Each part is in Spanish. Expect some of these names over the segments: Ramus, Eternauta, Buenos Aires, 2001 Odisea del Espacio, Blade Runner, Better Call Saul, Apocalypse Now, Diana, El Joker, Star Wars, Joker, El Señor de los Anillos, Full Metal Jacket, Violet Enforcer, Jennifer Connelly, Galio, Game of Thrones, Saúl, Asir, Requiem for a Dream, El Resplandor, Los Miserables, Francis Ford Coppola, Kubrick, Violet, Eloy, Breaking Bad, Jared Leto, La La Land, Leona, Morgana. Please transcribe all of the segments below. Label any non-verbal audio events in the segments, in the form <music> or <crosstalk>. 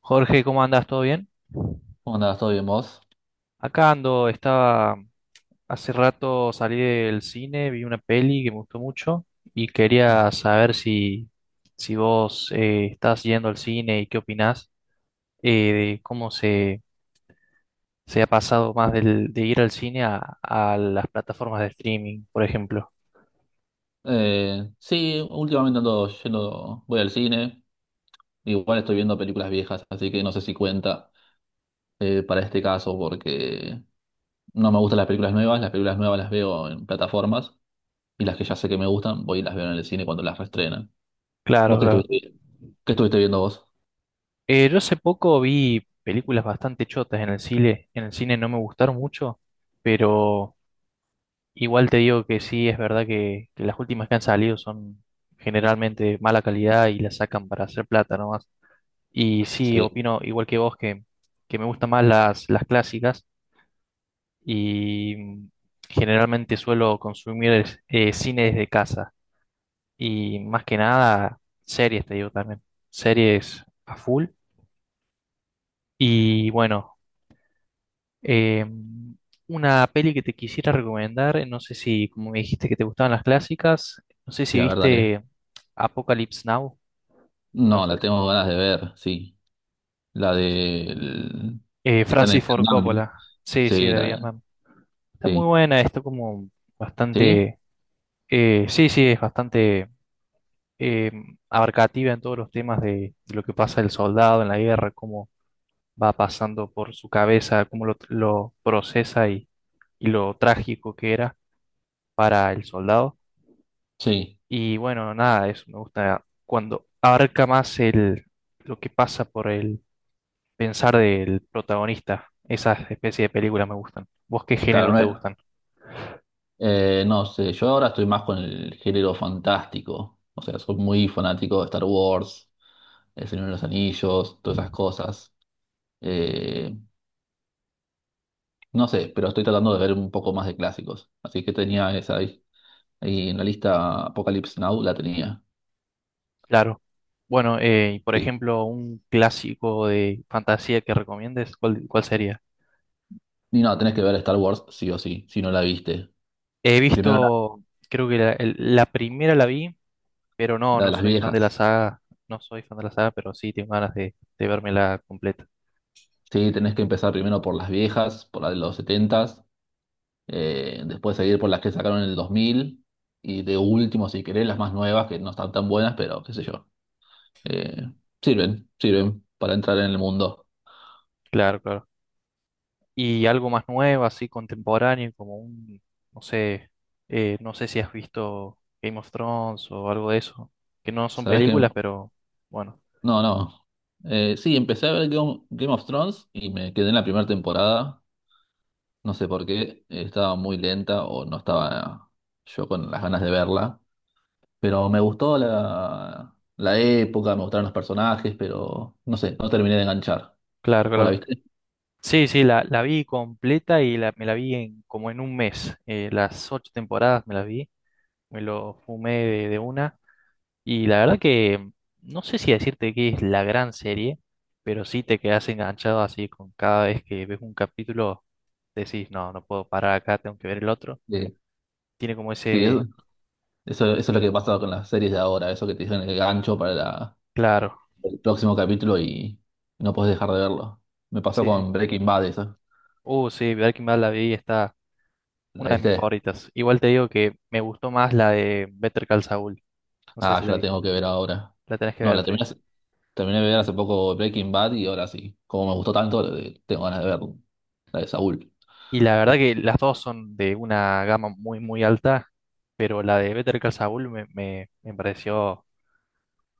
Jorge, ¿cómo andas? ¿Todo bien? ¿Cómo andás? ¿Todo bien vos? Acá ando, estaba hace rato salí del cine, vi una peli que me gustó mucho y Ah. quería saber si vos estás yendo al cine y qué opinás de cómo se ha pasado más de ir al cine a las plataformas de streaming, por ejemplo. Sí, últimamente ando yendo, voy al cine, igual estoy viendo películas viejas, así que no sé si cuenta para este caso porque no me gustan las películas nuevas, las películas nuevas las veo en plataformas y las que ya sé que me gustan, voy y las veo en el cine cuando las reestrenan. Claro, ¿Vos qué claro. Qué estuviste viendo vos? Yo hace poco vi películas bastante chotas en el cine no me gustaron mucho, pero igual te digo que sí, es verdad que las últimas que han salido son generalmente de mala calidad y las sacan para hacer plata nomás. Y sí, Sí, opino igual que vos que me gustan más las clásicas y generalmente suelo consumir cine desde casa y más que nada series, te digo también, series a full. Y bueno. Eh, una peli que te quisiera recomendar, no sé si, como me dijiste que te gustaban las clásicas, no sé sí, si la verdad es. viste Apocalypse Now, ¿lo No, la conoces? tengo ganas de ver, sí. La de Eh, que están Francis en Ford Vietnam. Coppola, sí, sí, Sí, de la, Vietnam. Está muy sí, buena, está como sí, bastante, sí, sí, es bastante eh, abarcativa en todos los temas de lo que pasa el soldado en la guerra, cómo va pasando por su cabeza, cómo lo procesa y lo trágico que era para el soldado. sí. Y bueno, nada, eso me gusta cuando abarca más el, lo que pasa por el pensar del protagonista. Esas especies de películas me gustan. ¿Vos qué Claro, género no te es. gustan? No sé, yo ahora estoy más con el género fantástico. O sea, soy muy fanático de Star Wars, El Señor de los Anillos, todas esas cosas. Eh, no sé, pero estoy tratando de ver un poco más de clásicos. Así que tenía esa ahí en la lista Apocalypse Now, la tenía. Claro. Bueno, y por Sí. ejemplo, un clásico de fantasía que recomiendes, ¿cuál sería? Y no, tenés que ver Star Wars sí o sí, si no la viste. He Primero la, visto, creo que la primera la vi, pero no, la de no las soy fan de la viejas. saga. No soy fan de la saga, pero sí tengo ganas de vérmela completa. Sí, tenés que empezar primero por las viejas, por la de los 70, después seguir por las que sacaron en el 2000 y de último, si querés, las más nuevas que no están tan buenas, pero qué sé yo. Eh, sirven para entrar en el mundo. Claro, claro. Y algo más nuevo, así contemporáneo, como un, no sé, no sé si has visto Game of Thrones o algo de eso, que no son ¿Sabés qué? películas, pero bueno, No, no. Sí, empecé a ver Game of Thrones y me quedé en la primera temporada. No sé por qué, estaba muy lenta o no estaba yo con las ganas de verla. Pero me gustó la época, me gustaron los personajes, pero no sé, no terminé de enganchar. claro, ¿Vos la claro. viste? Sí, sí, la vi completa y me la vi como en un mes, las ocho temporadas me las vi, me lo fumé de una y la verdad que no sé si decirte que es la gran serie, pero sí te quedas enganchado así con cada vez que ves un capítulo, decís, no, no puedo parar acá, tengo que ver el otro. Eh, Tiene como sí, es, ese. Eso, eso es lo que pasa con las series de ahora, eso que te dejan el gancho para Claro, el próximo capítulo y no puedes dejar de verlo. Me pasó sí, sí. con Breaking Bad, eso. Sí, Breaking Bad la vi, está una ¿La de mis viste? favoritas. Igual te digo que me gustó más la de Better Call Saul. No sé Ah, si yo la la vi. tengo que ver ahora. La tenés que No, ver, la sí, terminé, sí. hace- Terminé de ver hace poco Breaking Bad y ahora sí. Como me gustó tanto, tengo ganas de ver la de Saúl. Y la verdad que las dos son de una gama muy, muy alta, pero la de Better Call Saul me pareció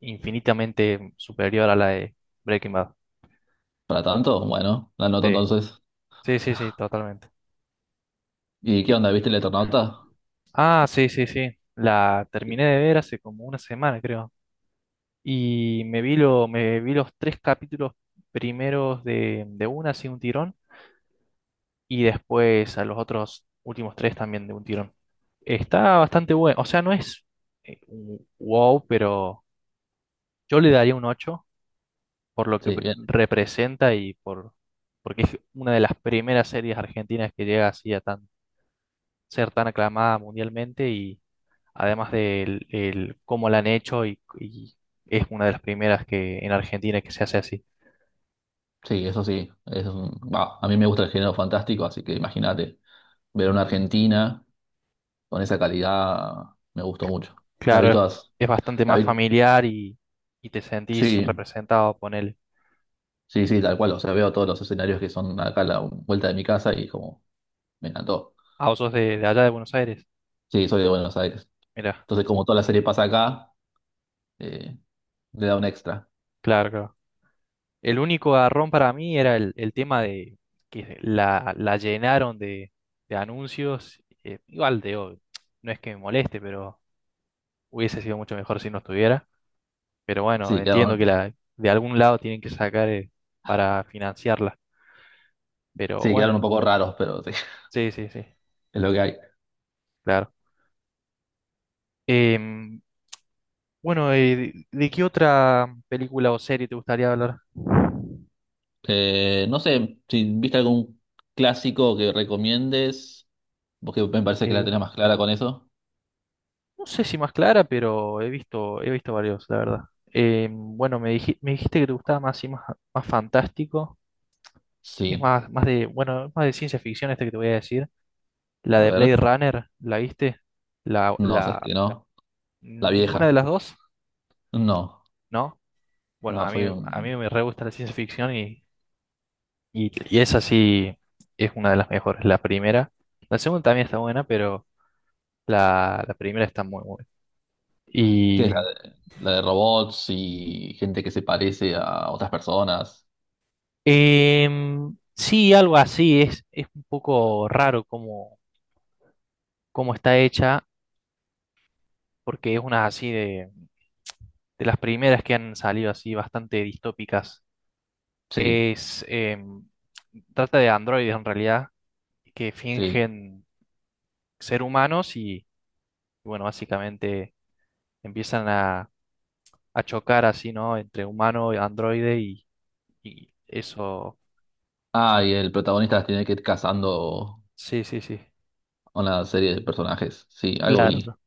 infinitamente superior a la de Breaking Bad. Para tanto, bueno, la anoto Sí, entonces. sí, sí, sí, totalmente. ¿Y Y- qué onda? ¿Viste el Eternauta? Ah, sí, sí, sí. La terminé Sí, de ver hace como una semana, creo. Y me vi los tres capítulos primeros de una, así un tirón, y después a los otros últimos tres también de un tirón. Está bastante bueno, o sea, no es un wow, pero yo le daría un 8 por lo que sí, pre- bien. representa y porque es una de las primeras series argentinas que llega así a ser tan aclamada mundialmente y además de el cómo la han hecho y es una de las primeras que en Argentina que se hace así. Sí, eso sí. Bah, a mí me gusta el género fantástico, así que imagínate ver una Argentina con esa calidad, me gustó mucho. La vi Claro, todas. es bastante La más vi, familiar y te sentís sí, representado, ponele. sí, sí, tal cual. O sea, veo todos los escenarios que son acá a la vuelta de mi casa y como me encantó. Ah, vos sos de allá de Buenos Aires. Sí, soy de Buenos Aires. Mira, Entonces, como toda la serie pasa acá, eh, le da un extra. claro, claro. El único garrón para mí era el tema de que la llenaron de anuncios. Igual de hoy. No es que me moleste, pero hubiese sido mucho mejor si no estuviera. Pero bueno, Sí, entiendo que quedaron, de algún lado tienen que sacar para financiarla. Pero sí, quedaron un bueno, poco raros, pero sí, <laughs> sí, sí, sí, es lo que hay. claro. Em, Bueno, ¿de qué otra película o serie te gustaría hablar? No sé si viste algún clásico que recomiendes, porque me parece que la Eh, tenés más clara con eso. no sé si más clara, pero he visto varios, la verdad. Bueno, me dijiste que te gustaba más y más, más fantástico. Es Sí, más de, bueno, es más de ciencia ficción este que te voy a decir. La a de Blade ver. Runner, ¿la viste? La, No, sé, la, que no. La vieja. ninguna de las dos, No, ¿no? Bueno, no, a mí, soy a mí un... me re gusta la ciencia ficción y esa sí es una de las mejores. La primera. La segunda también está buena, pero. La primera está muy buena. ¿Qué Y es la de robots y gente que se parece a otras personas? em, sí, algo así. Es un poco raro cómo está hecha, porque es una así de las primeras que han salido así bastante distópicas. Sí, Es, em, trata de androides en realidad, que sí. fingen ser humanos y, bueno, básicamente empiezan a chocar así, ¿no? Entre humano y androide y eso. Ah, y el protagonista las tiene que ir cazando Sí, sí, sí. a una serie de personajes. Sí, algo vi. Claro.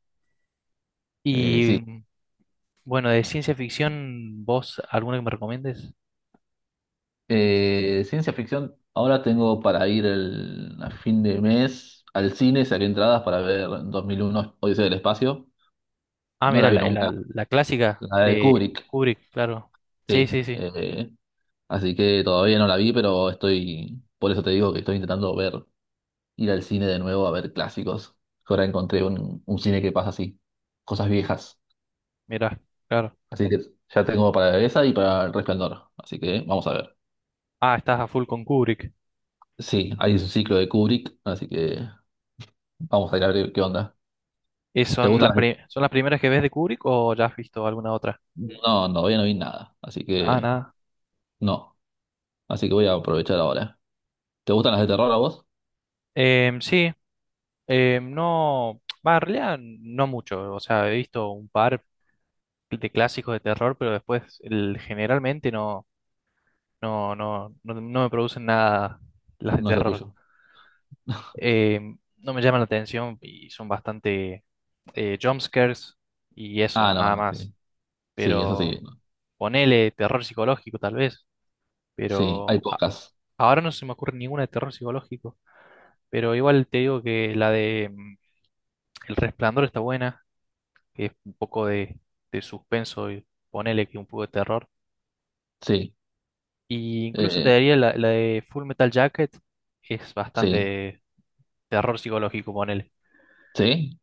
Sí. Y bueno, de ciencia ficción, ¿vos alguna que me recomiendes? Ciencia ficción. Ahora tengo para ir a fin de mes al cine, saqué entradas para ver 2001 Odisea del Espacio. Ah, No la mira, vi la, la- nunca. la clásica La de de Kubrick, Kubrick, claro. Sí, sí. sí, sí, Eh, Así que todavía no la vi, pero estoy. Por eso te digo que estoy intentando ver ir al cine de nuevo a ver clásicos. Ahora encontré un cine que pasa así, cosas viejas. mira, claro. Así que ya tengo para esa y para El Resplandor. Así que vamos a ver. Ah, estás a full con Kubrick. Sí, hay un ciclo de Kubrick, así que vamos a ir a ver qué onda. ¿Te ¿Son gustan las, las de... pri- son las primeras que ves de Kubrick o ya has visto alguna otra? No, no, todavía no vi nada, así Ah, que nada. no. Así que voy a aprovechar ahora. ¿Te gustan las de terror a vos? Sí, no, va, en realidad no mucho. O sea, he visto un par de clásicos de terror, pero después generalmente no, no, no, no, no me producen nada las de No es lo terror. tuyo. eh, no me llaman la atención y son bastante jumpscares y eso, Ah, no, nada no, sí. más. Sí, eso sí. Pero ponele terror psicológico tal vez, Sí, hay pero pocas. ahora no se me ocurre ninguna de terror psicológico. Pero igual te digo que la de El Resplandor está buena, que es un poco de suspenso y ponele que un poco de terror. Sí, Y incluso te eh, daría la de Full Metal Jacket, es sí, bastante terror psicológico, ponele. sí.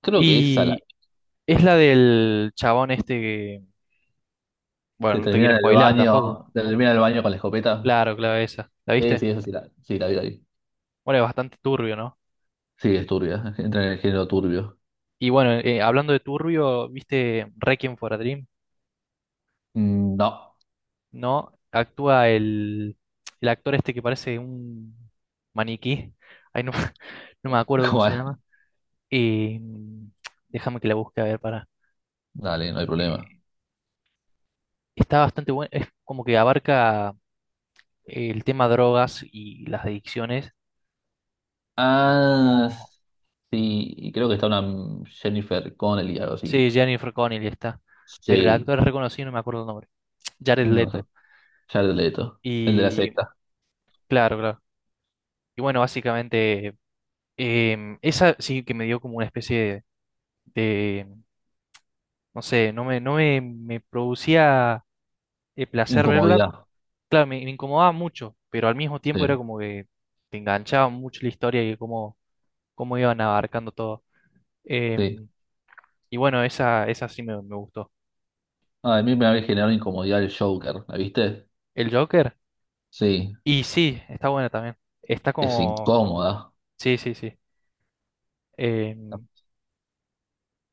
Creo que esa Y es la del chabón este que, que bueno, no te termina quiero en el spoilar tampoco. baño, termina en el baño con la escopeta. Claro, claro, esa. ¿La Sí, viste? sí, eso sí sí, la vi ahí. Bueno, es bastante turbio, ¿no? Sí, es turbia, entra en el género turbio. Y bueno, hablando de turbio, ¿viste Requiem for a Dream? Mm, no, ¿No? Actúa el actor este que parece un maniquí. Ay, no, <laughs> no me <laughs> acuerdo cómo ¿cómo se es? llama. Eh, déjame que la busque a ver para. Dale, no hay problema. eh, está bastante bueno. Es como que abarca el tema drogas y las adicciones. Y Ah, cómo sí, y creo que está una Jennifer Connelly, algo así. Sí, Jennifer Connelly está. Pero el Sí, actor es reconocido, no me acuerdo el nombre. Jared no sé, Leto. ya el leto. El de la Y secta. claro, claro. Y bueno, básicamente, esa sí que me dio como una especie de, de, no sé, no me producía placer verla. Incomodidad. Claro, me incomodaba mucho, pero al mismo tiempo era Sí, como que te enganchaba mucho la historia y cómo iban abarcando todo. sí. Em, y bueno, esa sí me gustó. Ah, a mí me había generado incomodidad el Joker, ¿la viste? El Joker, Sí, y sí, está buena también. Está es como, incómoda. sí, sí, sí. Me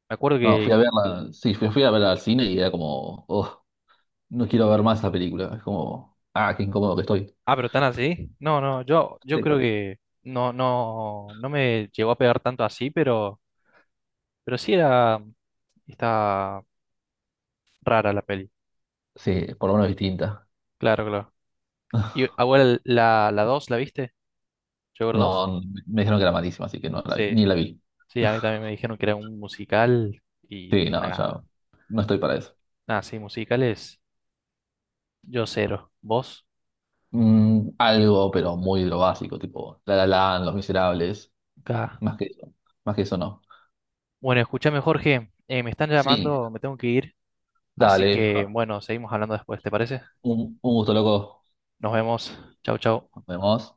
acuerdo No, fui que. a verla, sí, fui a verla al cine y era como, "Ugh", no quiero ver más la película. Es como, ah, qué incómodo que estoy. Ah, pero tan así. No, no, yo creo Sí. que no, no, no me llegó a pegar tanto así, pero sí era. Está rara la peli. Sí, por lo menos distinta. Claro, claro. ¿Y <laughs> abuela, la 2 la viste? ¿Joker 2 No, me dijeron que era malísima, así que no la vi, Sí, ni la vi. sí, a mí <laughs> también me dijeron que era un musical y Sí, dije, no, nada, ya no estoy para eso. nada, sí, musicales, yo cero. ¿Vos? Mm, algo, pero muy de lo básico, tipo La La Land, Los Miserables, Acá. más que eso, más que eso no. Bueno, escúchame, Jorge, me están Sí, llamando, me tengo que ir, así dale, que ja, bueno, seguimos hablando después, ¿te parece? Un gusto loco, Nos vemos. Chau, nos chau. vemos.